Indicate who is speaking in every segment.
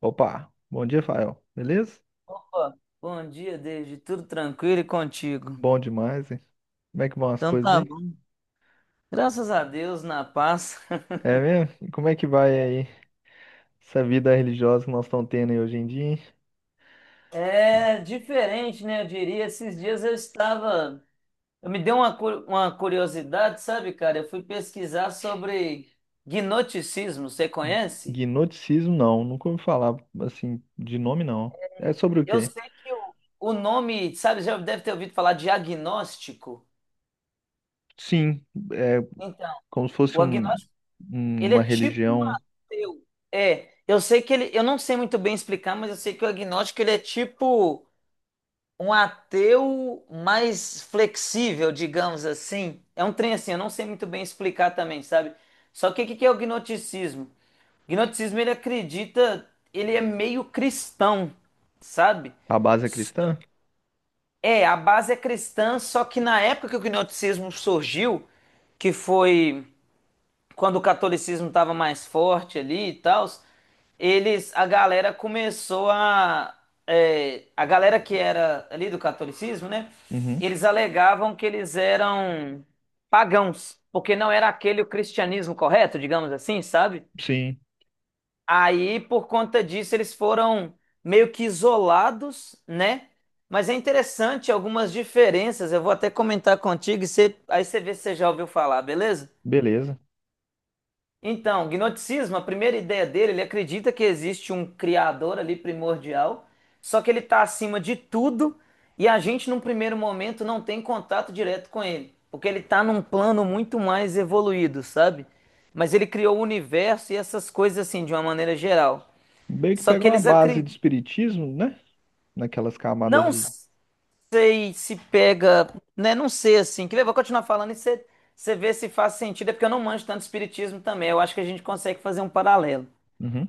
Speaker 1: Opa, bom dia, Fael. Beleza?
Speaker 2: Ó, bom dia, David. Tudo tranquilo e contigo?
Speaker 1: Bom demais, hein? Como é que vão as
Speaker 2: Então
Speaker 1: coisas
Speaker 2: tá
Speaker 1: aí?
Speaker 2: bom. Graças a Deus, na paz.
Speaker 1: É mesmo? E como é que vai aí essa vida religiosa que nós estamos tendo aí hoje em dia, hein?
Speaker 2: É diferente, né? Eu diria. Esses dias eu estava. Eu me dei uma, uma curiosidade, sabe, cara? Eu fui pesquisar sobre gnosticismo. Você conhece?
Speaker 1: Gnosticismo, não. Nunca ouvi falar, assim, de nome, não. É sobre o
Speaker 2: Eu
Speaker 1: quê?
Speaker 2: sei que o nome, sabe, já deve ter ouvido falar de agnóstico.
Speaker 1: Sim, é
Speaker 2: Então,
Speaker 1: como se fosse
Speaker 2: o agnóstico, ele é
Speaker 1: uma
Speaker 2: tipo um
Speaker 1: religião
Speaker 2: ateu. É, eu sei que ele, eu não sei muito bem explicar, mas eu sei que o agnóstico ele é tipo um ateu mais flexível, digamos assim. É um trem assim, eu não sei muito bem explicar também, sabe? Só que o que que é o gnosticismo? O gnosticismo ele acredita, ele é meio cristão, sabe?
Speaker 1: à base é cristã?
Speaker 2: É, a base é cristã, só que na época que o gnosticismo surgiu, que foi quando o catolicismo estava mais forte ali e tal, eles, a galera começou a, é, a galera que era ali do catolicismo, né?
Speaker 1: Uhum,
Speaker 2: Eles alegavam que eles eram pagãos, porque não era aquele o cristianismo correto, digamos assim, sabe?
Speaker 1: sim.
Speaker 2: Aí, por conta disso, eles foram meio que isolados, né? Mas é interessante algumas diferenças. Eu vou até comentar contigo e você, aí você vê se você já ouviu falar, beleza?
Speaker 1: Beleza.
Speaker 2: Então, gnosticismo, a primeira ideia dele, ele acredita que existe um criador ali primordial, só que ele está acima de tudo e a gente, num primeiro momento, não tem contato direto com ele, porque ele está num plano muito mais evoluído, sabe? Mas ele criou o universo e essas coisas assim, de uma maneira geral.
Speaker 1: Meio que
Speaker 2: Só que
Speaker 1: pegar uma
Speaker 2: eles
Speaker 1: base do
Speaker 2: acreditam.
Speaker 1: espiritismo, né? Naquelas camadas
Speaker 2: Não
Speaker 1: de...
Speaker 2: sei se pega, né? Não sei assim. Que eu vou continuar falando e você vê se faz sentido, é porque eu não manjo tanto espiritismo também. Eu acho que a gente consegue fazer um paralelo.
Speaker 1: Uhum.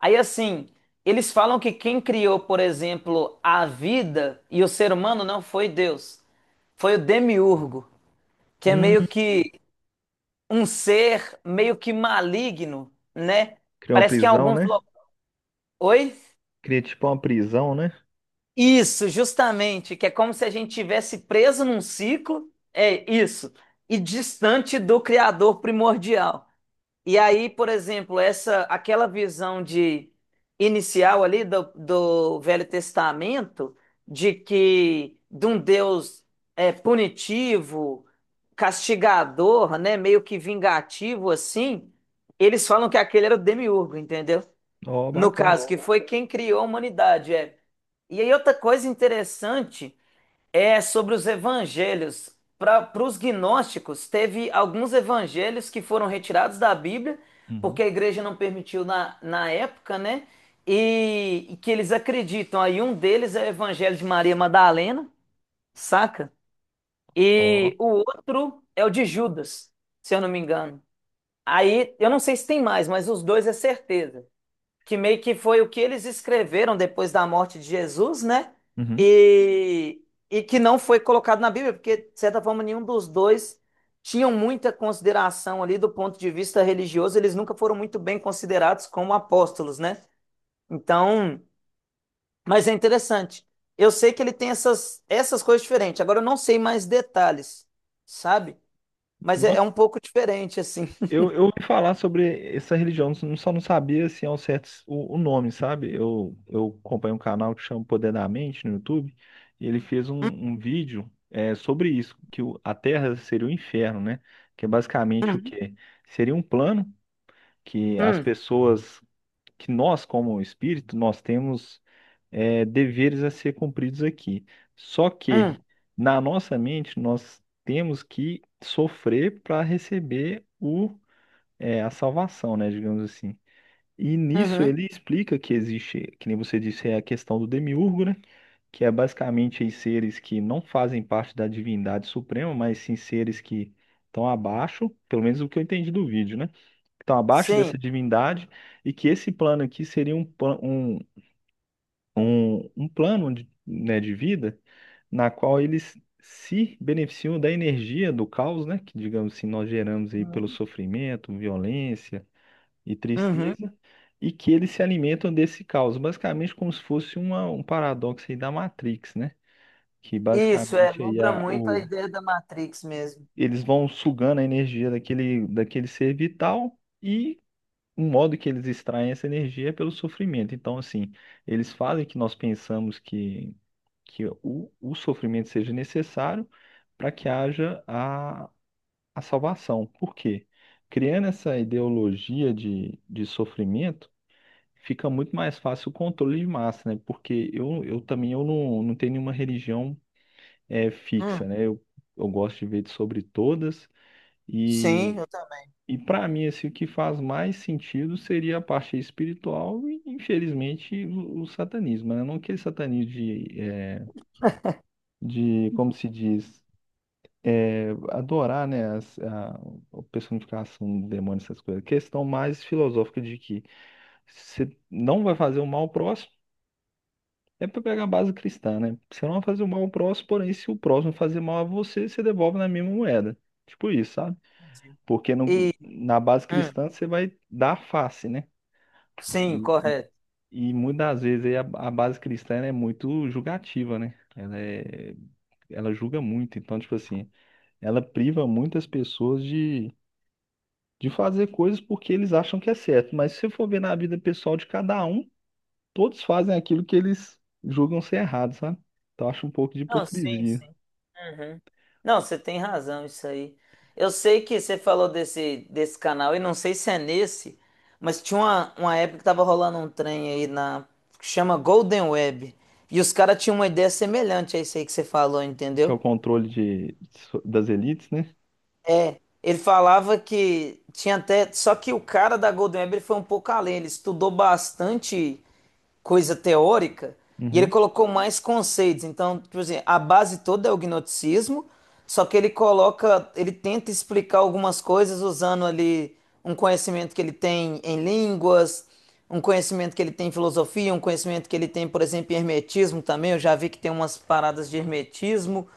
Speaker 2: Aí assim, eles falam que quem criou, por exemplo, a vida e o ser humano não foi Deus, foi o demiurgo, que é
Speaker 1: Hum,
Speaker 2: meio que um ser meio que maligno, né?
Speaker 1: Criar uma
Speaker 2: Parece que em
Speaker 1: prisão,
Speaker 2: alguns
Speaker 1: né?
Speaker 2: lo- Oi?
Speaker 1: Cria tipo uma prisão, né?
Speaker 2: Isso, justamente, que é como se a gente tivesse preso num ciclo, é isso, e distante do criador primordial. E aí, por exemplo, essa aquela visão de inicial ali do Velho Testamento de que de um Deus é, punitivo, castigador, né, meio que vingativo assim, eles falam que aquele era o demiurgo, entendeu?
Speaker 1: Ó,
Speaker 2: No
Speaker 1: bacana.
Speaker 2: caso, que foi quem criou a humanidade, é. E aí outra coisa interessante é sobre os evangelhos. Para os gnósticos, teve alguns evangelhos que foram retirados da Bíblia,
Speaker 1: Uhum.
Speaker 2: porque a igreja não permitiu na época, né? E que eles acreditam. Aí um deles é o evangelho de Maria Madalena, saca?
Speaker 1: Ó.
Speaker 2: E o outro é o de Judas, se eu não me engano. Aí, eu não sei se tem mais, mas os dois é certeza que meio que foi o que eles escreveram depois da morte de Jesus, né?
Speaker 1: Uhum.
Speaker 2: E, e que não foi colocado na Bíblia, porque, de certa forma, nenhum dos dois tinham muita consideração ali do ponto de vista religioso, eles nunca foram muito bem considerados como apóstolos, né? Então, mas é interessante. Eu sei que ele tem essas, essas coisas diferentes. Agora eu não sei mais detalhes, sabe? Mas é, é
Speaker 1: Nossa,
Speaker 2: um pouco diferente, assim.
Speaker 1: eu ouvi falar sobre essa religião, só não sabia assim, ao certo o nome, sabe? Eu acompanho um canal que chama Poder da Mente no YouTube, e ele fez um vídeo sobre isso, que a Terra seria o inferno, né? Que é basicamente o
Speaker 2: Uhum.
Speaker 1: quê? Seria um plano que as
Speaker 2: Hum,
Speaker 1: pessoas, que nós como espírito, nós temos deveres a ser cumpridos aqui. Só
Speaker 2: hum,
Speaker 1: que na nossa mente nós temos que sofrer para receber a salvação, né, digamos assim. E nisso
Speaker 2: uhum.
Speaker 1: ele explica que existe, que nem você disse, é a questão do demiurgo, né? Que é basicamente aí seres que não fazem parte da divindade suprema, mas sim seres que estão abaixo, pelo menos o que eu entendi do vídeo, né? Que estão abaixo
Speaker 2: Sim.
Speaker 1: dessa divindade e que esse plano aqui seria um plano de, né, de vida na qual eles se beneficiam da energia do caos, né, que digamos assim nós geramos aí pelo
Speaker 2: Uhum.
Speaker 1: sofrimento, violência e
Speaker 2: Uhum.
Speaker 1: tristeza, e que eles se alimentam desse caos, basicamente como se fosse um paradoxo aí da Matrix, né, que
Speaker 2: Isso, é,
Speaker 1: basicamente aí
Speaker 2: lembra muito a ideia da Matrix mesmo.
Speaker 1: eles vão sugando a energia daquele ser vital. E o modo que eles extraem essa energia é pelo sofrimento. Então, assim, eles fazem que nós pensamos que o sofrimento seja necessário para que haja a salvação. Por quê? Criando essa ideologia de sofrimento, fica muito mais fácil o controle de massa, né? Porque eu também eu não tenho nenhuma religião fixa,
Speaker 2: Hum,
Speaker 1: né? Eu gosto de ver sobre todas
Speaker 2: sim, eu também.
Speaker 1: e para mim, assim, o que faz mais sentido seria a parte espiritual e, infelizmente, o satanismo, né? Não aquele satanismo de como se diz, adorar, né, a personificação do demônio, essas coisas. Questão mais filosófica de que você não vai fazer o mal ao próximo, é para pegar a base cristã, né? Você não vai fazer o mal ao próximo, porém, se o próximo fazer mal a você, você devolve na mesma moeda. Tipo isso, sabe?
Speaker 2: Digo.
Speaker 1: Porque
Speaker 2: E,
Speaker 1: na base
Speaker 2: hum,
Speaker 1: cristã você vai dar face, né?
Speaker 2: sim, correto.
Speaker 1: E muitas das vezes aí a base cristã ela é muito julgativa, né? Ela julga muito, então, tipo assim, ela priva muitas pessoas de fazer coisas porque eles acham que é certo. Mas se você for ver na vida pessoal de cada um, todos fazem aquilo que eles julgam ser errado, sabe? Então, eu acho um pouco de
Speaker 2: Não, sim,
Speaker 1: hipocrisia,
Speaker 2: sim. Uhum. Não, você tem razão, isso aí. Eu sei que você falou desse, desse canal, e não sei se é nesse, mas tinha uma época que tava rolando um trem aí na, que chama Golden Web. E os caras tinham uma ideia semelhante a isso aí que você falou,
Speaker 1: que é o
Speaker 2: entendeu?
Speaker 1: controle das elites, né?
Speaker 2: Ele falava que tinha até. Só que o cara da Golden Web ele foi um pouco além. Ele estudou bastante coisa teórica e ele
Speaker 1: Uhum.
Speaker 2: colocou mais conceitos. Então, tipo assim, a base toda é o gnosticismo, só que ele coloca. Ele tenta explicar algumas coisas usando ali um conhecimento que ele tem em línguas, um conhecimento que ele tem em filosofia, um conhecimento que ele tem, por exemplo, em hermetismo também. Eu já vi que tem umas paradas de hermetismo.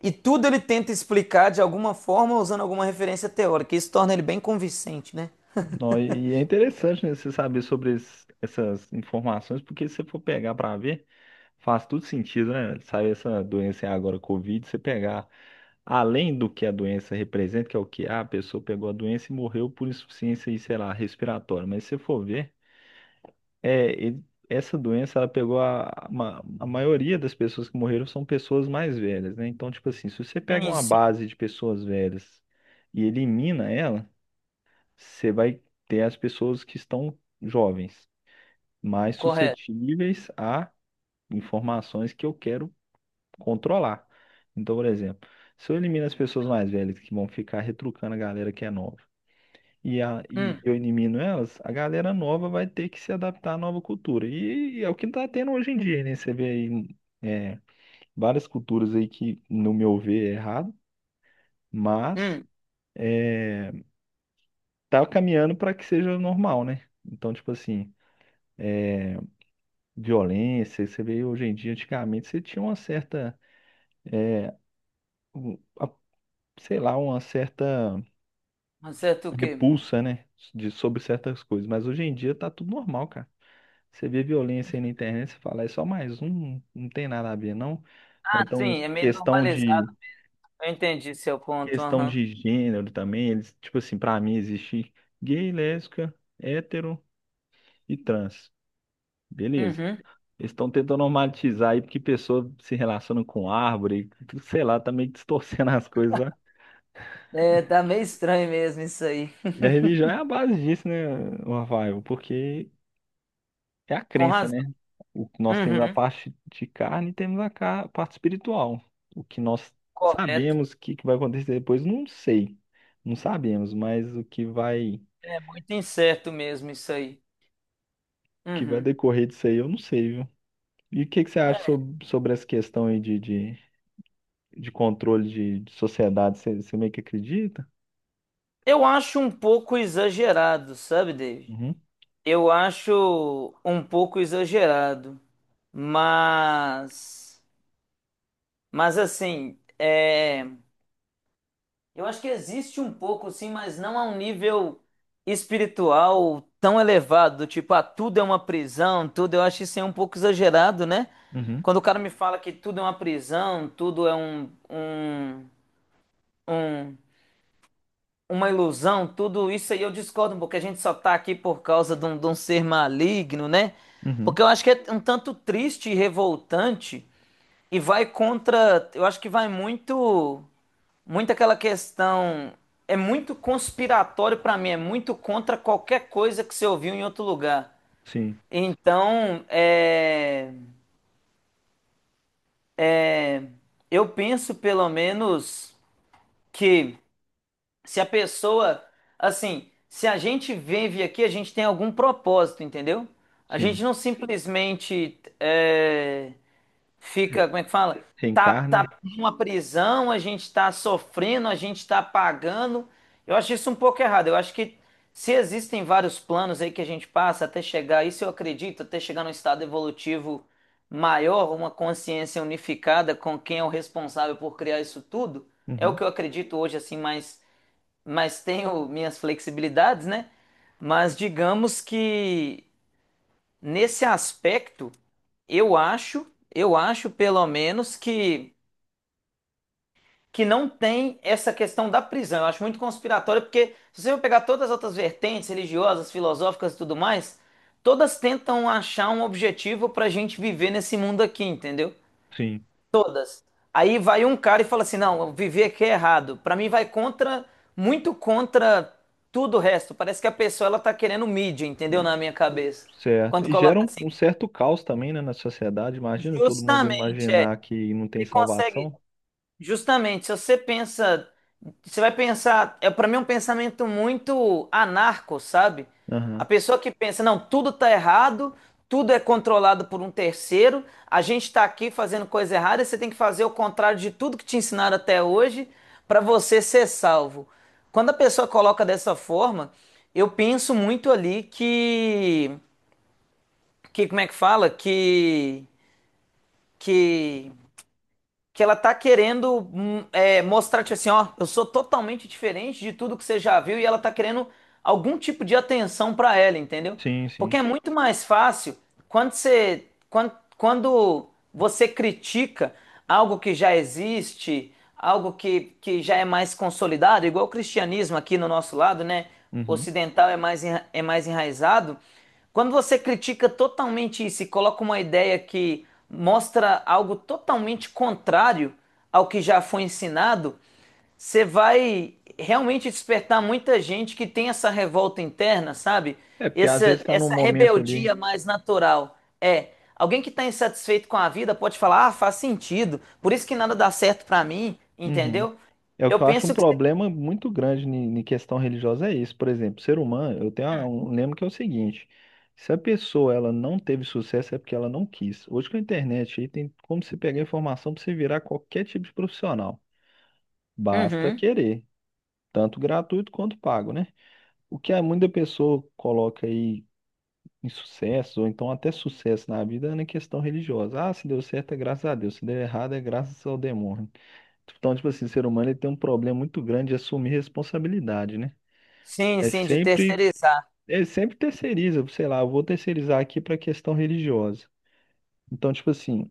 Speaker 2: E tudo ele tenta explicar de alguma forma usando alguma referência teórica. Isso torna ele bem convincente, né?
Speaker 1: Nó, e é interessante, né, você saber sobre essas informações, porque se você for pegar para ver, faz tudo sentido, né? Sabe, essa doença é agora Covid, você pegar além do que a doença representa, que é o que a pessoa pegou a doença e morreu por insuficiência, e, sei lá, respiratória. Mas se você for ver, essa doença ela pegou a maioria das pessoas que morreram são pessoas mais velhas, né? Então, tipo assim, se você pega
Speaker 2: Sim,
Speaker 1: uma
Speaker 2: sim,
Speaker 1: base de pessoas velhas e elimina ela você vai ter as pessoas que estão jovens, mais
Speaker 2: correto.
Speaker 1: suscetíveis a informações que eu quero controlar. Então, por exemplo, se eu elimino as pessoas mais velhas que vão ficar retrucando a galera que é nova, e
Speaker 2: Hum,
Speaker 1: eu elimino elas, a galera nova vai ter que se adaptar à nova cultura. E é o que está tendo hoje em dia, né? Você vê aí é, várias culturas aí que, no meu ver, é errado, mas
Speaker 2: hum,
Speaker 1: é, tá caminhando para que seja normal, né? Então, tipo assim. Violência, você vê hoje em dia, antigamente você tinha uma certa, um- a- sei lá, uma certa
Speaker 2: acerto o quê?
Speaker 1: repulsa, né, de sobre certas coisas, mas hoje em dia tá tudo normal, cara. Você vê violência aí na internet, você fala, é só mais um, não tem nada a ver, não. Ou
Speaker 2: Ah,
Speaker 1: então,
Speaker 2: sim, é meio
Speaker 1: questão
Speaker 2: normalizado.
Speaker 1: de
Speaker 2: Eu entendi seu ponto, aham.
Speaker 1: gênero também, eles, tipo assim, pra mim existe gay, lésbica, hétero e trans. Beleza.
Speaker 2: Uhum.
Speaker 1: Eles estão tentando normatizar aí porque pessoa se relaciona com árvore, sei lá, tá meio distorcendo as coisas.
Speaker 2: É, tá meio estranho mesmo isso aí.
Speaker 1: E a religião é a base disso, né, Rafael? Porque é a
Speaker 2: Com
Speaker 1: crença, né?
Speaker 2: razão.
Speaker 1: O que nós temos a
Speaker 2: Uhum,
Speaker 1: parte de carne e temos a parte espiritual. O que nós
Speaker 2: correto.
Speaker 1: sabemos que vai acontecer depois, não sei. Não sabemos, mas o que vai
Speaker 2: É muito incerto mesmo isso aí. Uhum.
Speaker 1: decorrer disso aí, eu não sei, viu? E o que que você acha
Speaker 2: É,
Speaker 1: sobre essa questão aí de controle de sociedade? Você meio que acredita?
Speaker 2: eu acho um pouco exagerado, sabe, David?
Speaker 1: Uhum,
Speaker 2: Eu acho um pouco exagerado, mas Mas assim, é, eu acho que existe um pouco, sim, mas não a um nível espiritual tão elevado, do tipo, ah, tudo é uma prisão, tudo, eu acho isso aí um pouco exagerado, né?
Speaker 1: uhum,
Speaker 2: Quando o cara me fala que tudo é uma prisão, tudo é um, um, um- uma ilusão, tudo isso aí eu discordo, porque a gente só tá aqui por causa de um ser maligno, né?
Speaker 1: uhum.
Speaker 2: Porque eu acho que é um tanto triste e revoltante e vai contra, eu acho que vai muito aquela questão. É muito conspiratório pra mim, é muito contra qualquer coisa que você ouviu em outro lugar.
Speaker 1: Sim,
Speaker 2: Então, é, eu penso pelo menos que se a pessoa, assim, se a gente vive aqui, a gente tem algum propósito, entendeu? A gente
Speaker 1: sim.
Speaker 2: não simplesmente é,
Speaker 1: Re-
Speaker 2: fica, como é que fala? Tá
Speaker 1: Reencarne?
Speaker 2: numa prisão, a gente tá sofrendo, a gente tá pagando. Eu acho isso um pouco errado. Eu acho que se existem vários planos aí que a gente passa até chegar, isso eu acredito, até chegar num estado evolutivo maior, uma consciência unificada com quem é o responsável por criar isso tudo, é o
Speaker 1: Uhum,
Speaker 2: que eu acredito hoje, assim, mas tenho minhas flexibilidades, né? Mas digamos que nesse aspecto, eu acho, eu acho pelo menos que não tem essa questão da prisão. Eu acho muito conspiratório porque se você for pegar todas as outras vertentes religiosas, filosóficas e tudo mais, todas tentam achar um objetivo para a gente viver nesse mundo aqui, entendeu?
Speaker 1: sim.
Speaker 2: Aí vai um cara e fala assim: não, viver aqui é errado. Pra mim vai contra, muito contra tudo o resto. Parece que a pessoa ela tá querendo mídia, entendeu? Na minha cabeça.
Speaker 1: Certo.
Speaker 2: Quando
Speaker 1: E
Speaker 2: coloca
Speaker 1: gera um,
Speaker 2: assim,
Speaker 1: um certo caos também, né, na sociedade. Imagina todo mundo
Speaker 2: justamente, é,
Speaker 1: imaginar que não tem
Speaker 2: você consegue,
Speaker 1: salvação.
Speaker 2: justamente, se você pensa, você vai pensar, é para mim é um pensamento muito anarco, sabe? A
Speaker 1: Aham.
Speaker 2: pessoa que pensa, não, tudo tá errado, tudo é controlado por um terceiro, a gente tá aqui fazendo coisa errada, e você tem que fazer o contrário de tudo que te ensinaram até hoje para você ser salvo. Quando a pessoa coloca dessa forma, eu penso muito ali que como é que fala? Que, que que ela tá querendo mostrar, tipo assim, ó, eu sou totalmente diferente de tudo que você já viu e ela tá querendo algum tipo de atenção pra ela, entendeu?
Speaker 1: Sim,
Speaker 2: Porque
Speaker 1: sim.
Speaker 2: é muito mais fácil quando você, quando, quando você critica algo que já existe, algo que já é mais consolidado, igual o cristianismo aqui no nosso lado, né?
Speaker 1: Uhum.
Speaker 2: Ocidental é mais, é mais enraizado, quando você critica totalmente isso e coloca uma ideia que mostra algo totalmente contrário ao que já foi ensinado, você vai realmente despertar muita gente que tem essa revolta interna, sabe?
Speaker 1: É porque às
Speaker 2: Essa,
Speaker 1: vezes está num
Speaker 2: essa
Speaker 1: momento ali.
Speaker 2: rebeldia mais natural. É, alguém que está insatisfeito com a vida pode falar, ah, faz sentido, por isso que nada dá certo para mim,
Speaker 1: Uhum.
Speaker 2: entendeu?
Speaker 1: É o
Speaker 2: Eu
Speaker 1: que eu acho um
Speaker 2: penso que...
Speaker 1: problema muito grande em questão religiosa é isso. Por exemplo, ser humano, eu tenho um lema que é o seguinte: se a pessoa ela não teve sucesso é porque ela não quis. Hoje com a internet aí tem como você pegar informação para você virar qualquer tipo de profissional. Basta
Speaker 2: Uhum.
Speaker 1: querer, tanto gratuito quanto pago, né? O que a muita pessoa coloca aí em sucesso, ou então até sucesso na vida, é na questão religiosa. Ah, se deu certo é graças a Deus, se deu errado é graças ao demônio. Então, tipo assim, o ser humano ele tem um problema muito grande de assumir responsabilidade, né?
Speaker 2: Sim,
Speaker 1: É
Speaker 2: sim, de
Speaker 1: sempre,
Speaker 2: terceirizar.
Speaker 1: é sempre terceiriza, sei lá, eu vou terceirizar aqui para a questão religiosa. Então, tipo assim,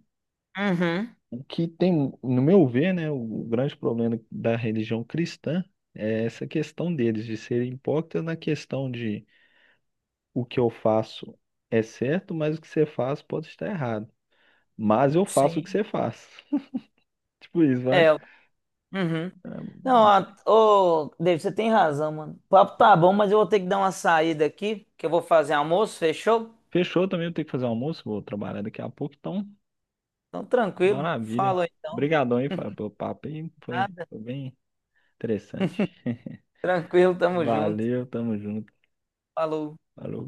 Speaker 2: Uhum,
Speaker 1: o que tem, no meu ver, né, o grande problema da religião cristã é essa questão deles, de serem hipócritas na questão de o que eu faço é certo, mas o que você faz pode estar errado. Mas eu faço o que
Speaker 2: sim.
Speaker 1: você faz. Tipo isso,
Speaker 2: É.
Speaker 1: vai.
Speaker 2: Uhum.
Speaker 1: Ah,
Speaker 2: Não, ô, David, você tem razão, mano. O papo tá bom, mas eu vou ter que dar uma saída aqui, que eu vou fazer almoço, fechou?
Speaker 1: fechou também, eu tenho que fazer almoço, vou trabalhar daqui a pouco, então,
Speaker 2: Então, tranquilo.
Speaker 1: maravilha.
Speaker 2: Falou então.
Speaker 1: Obrigadão aí, Fábio, pelo papo aí, foi,
Speaker 2: Nada.
Speaker 1: foi bem interessante.
Speaker 2: Tranquilo, tamo junto.
Speaker 1: Valeu, tamo junto.
Speaker 2: Falou.
Speaker 1: Falou.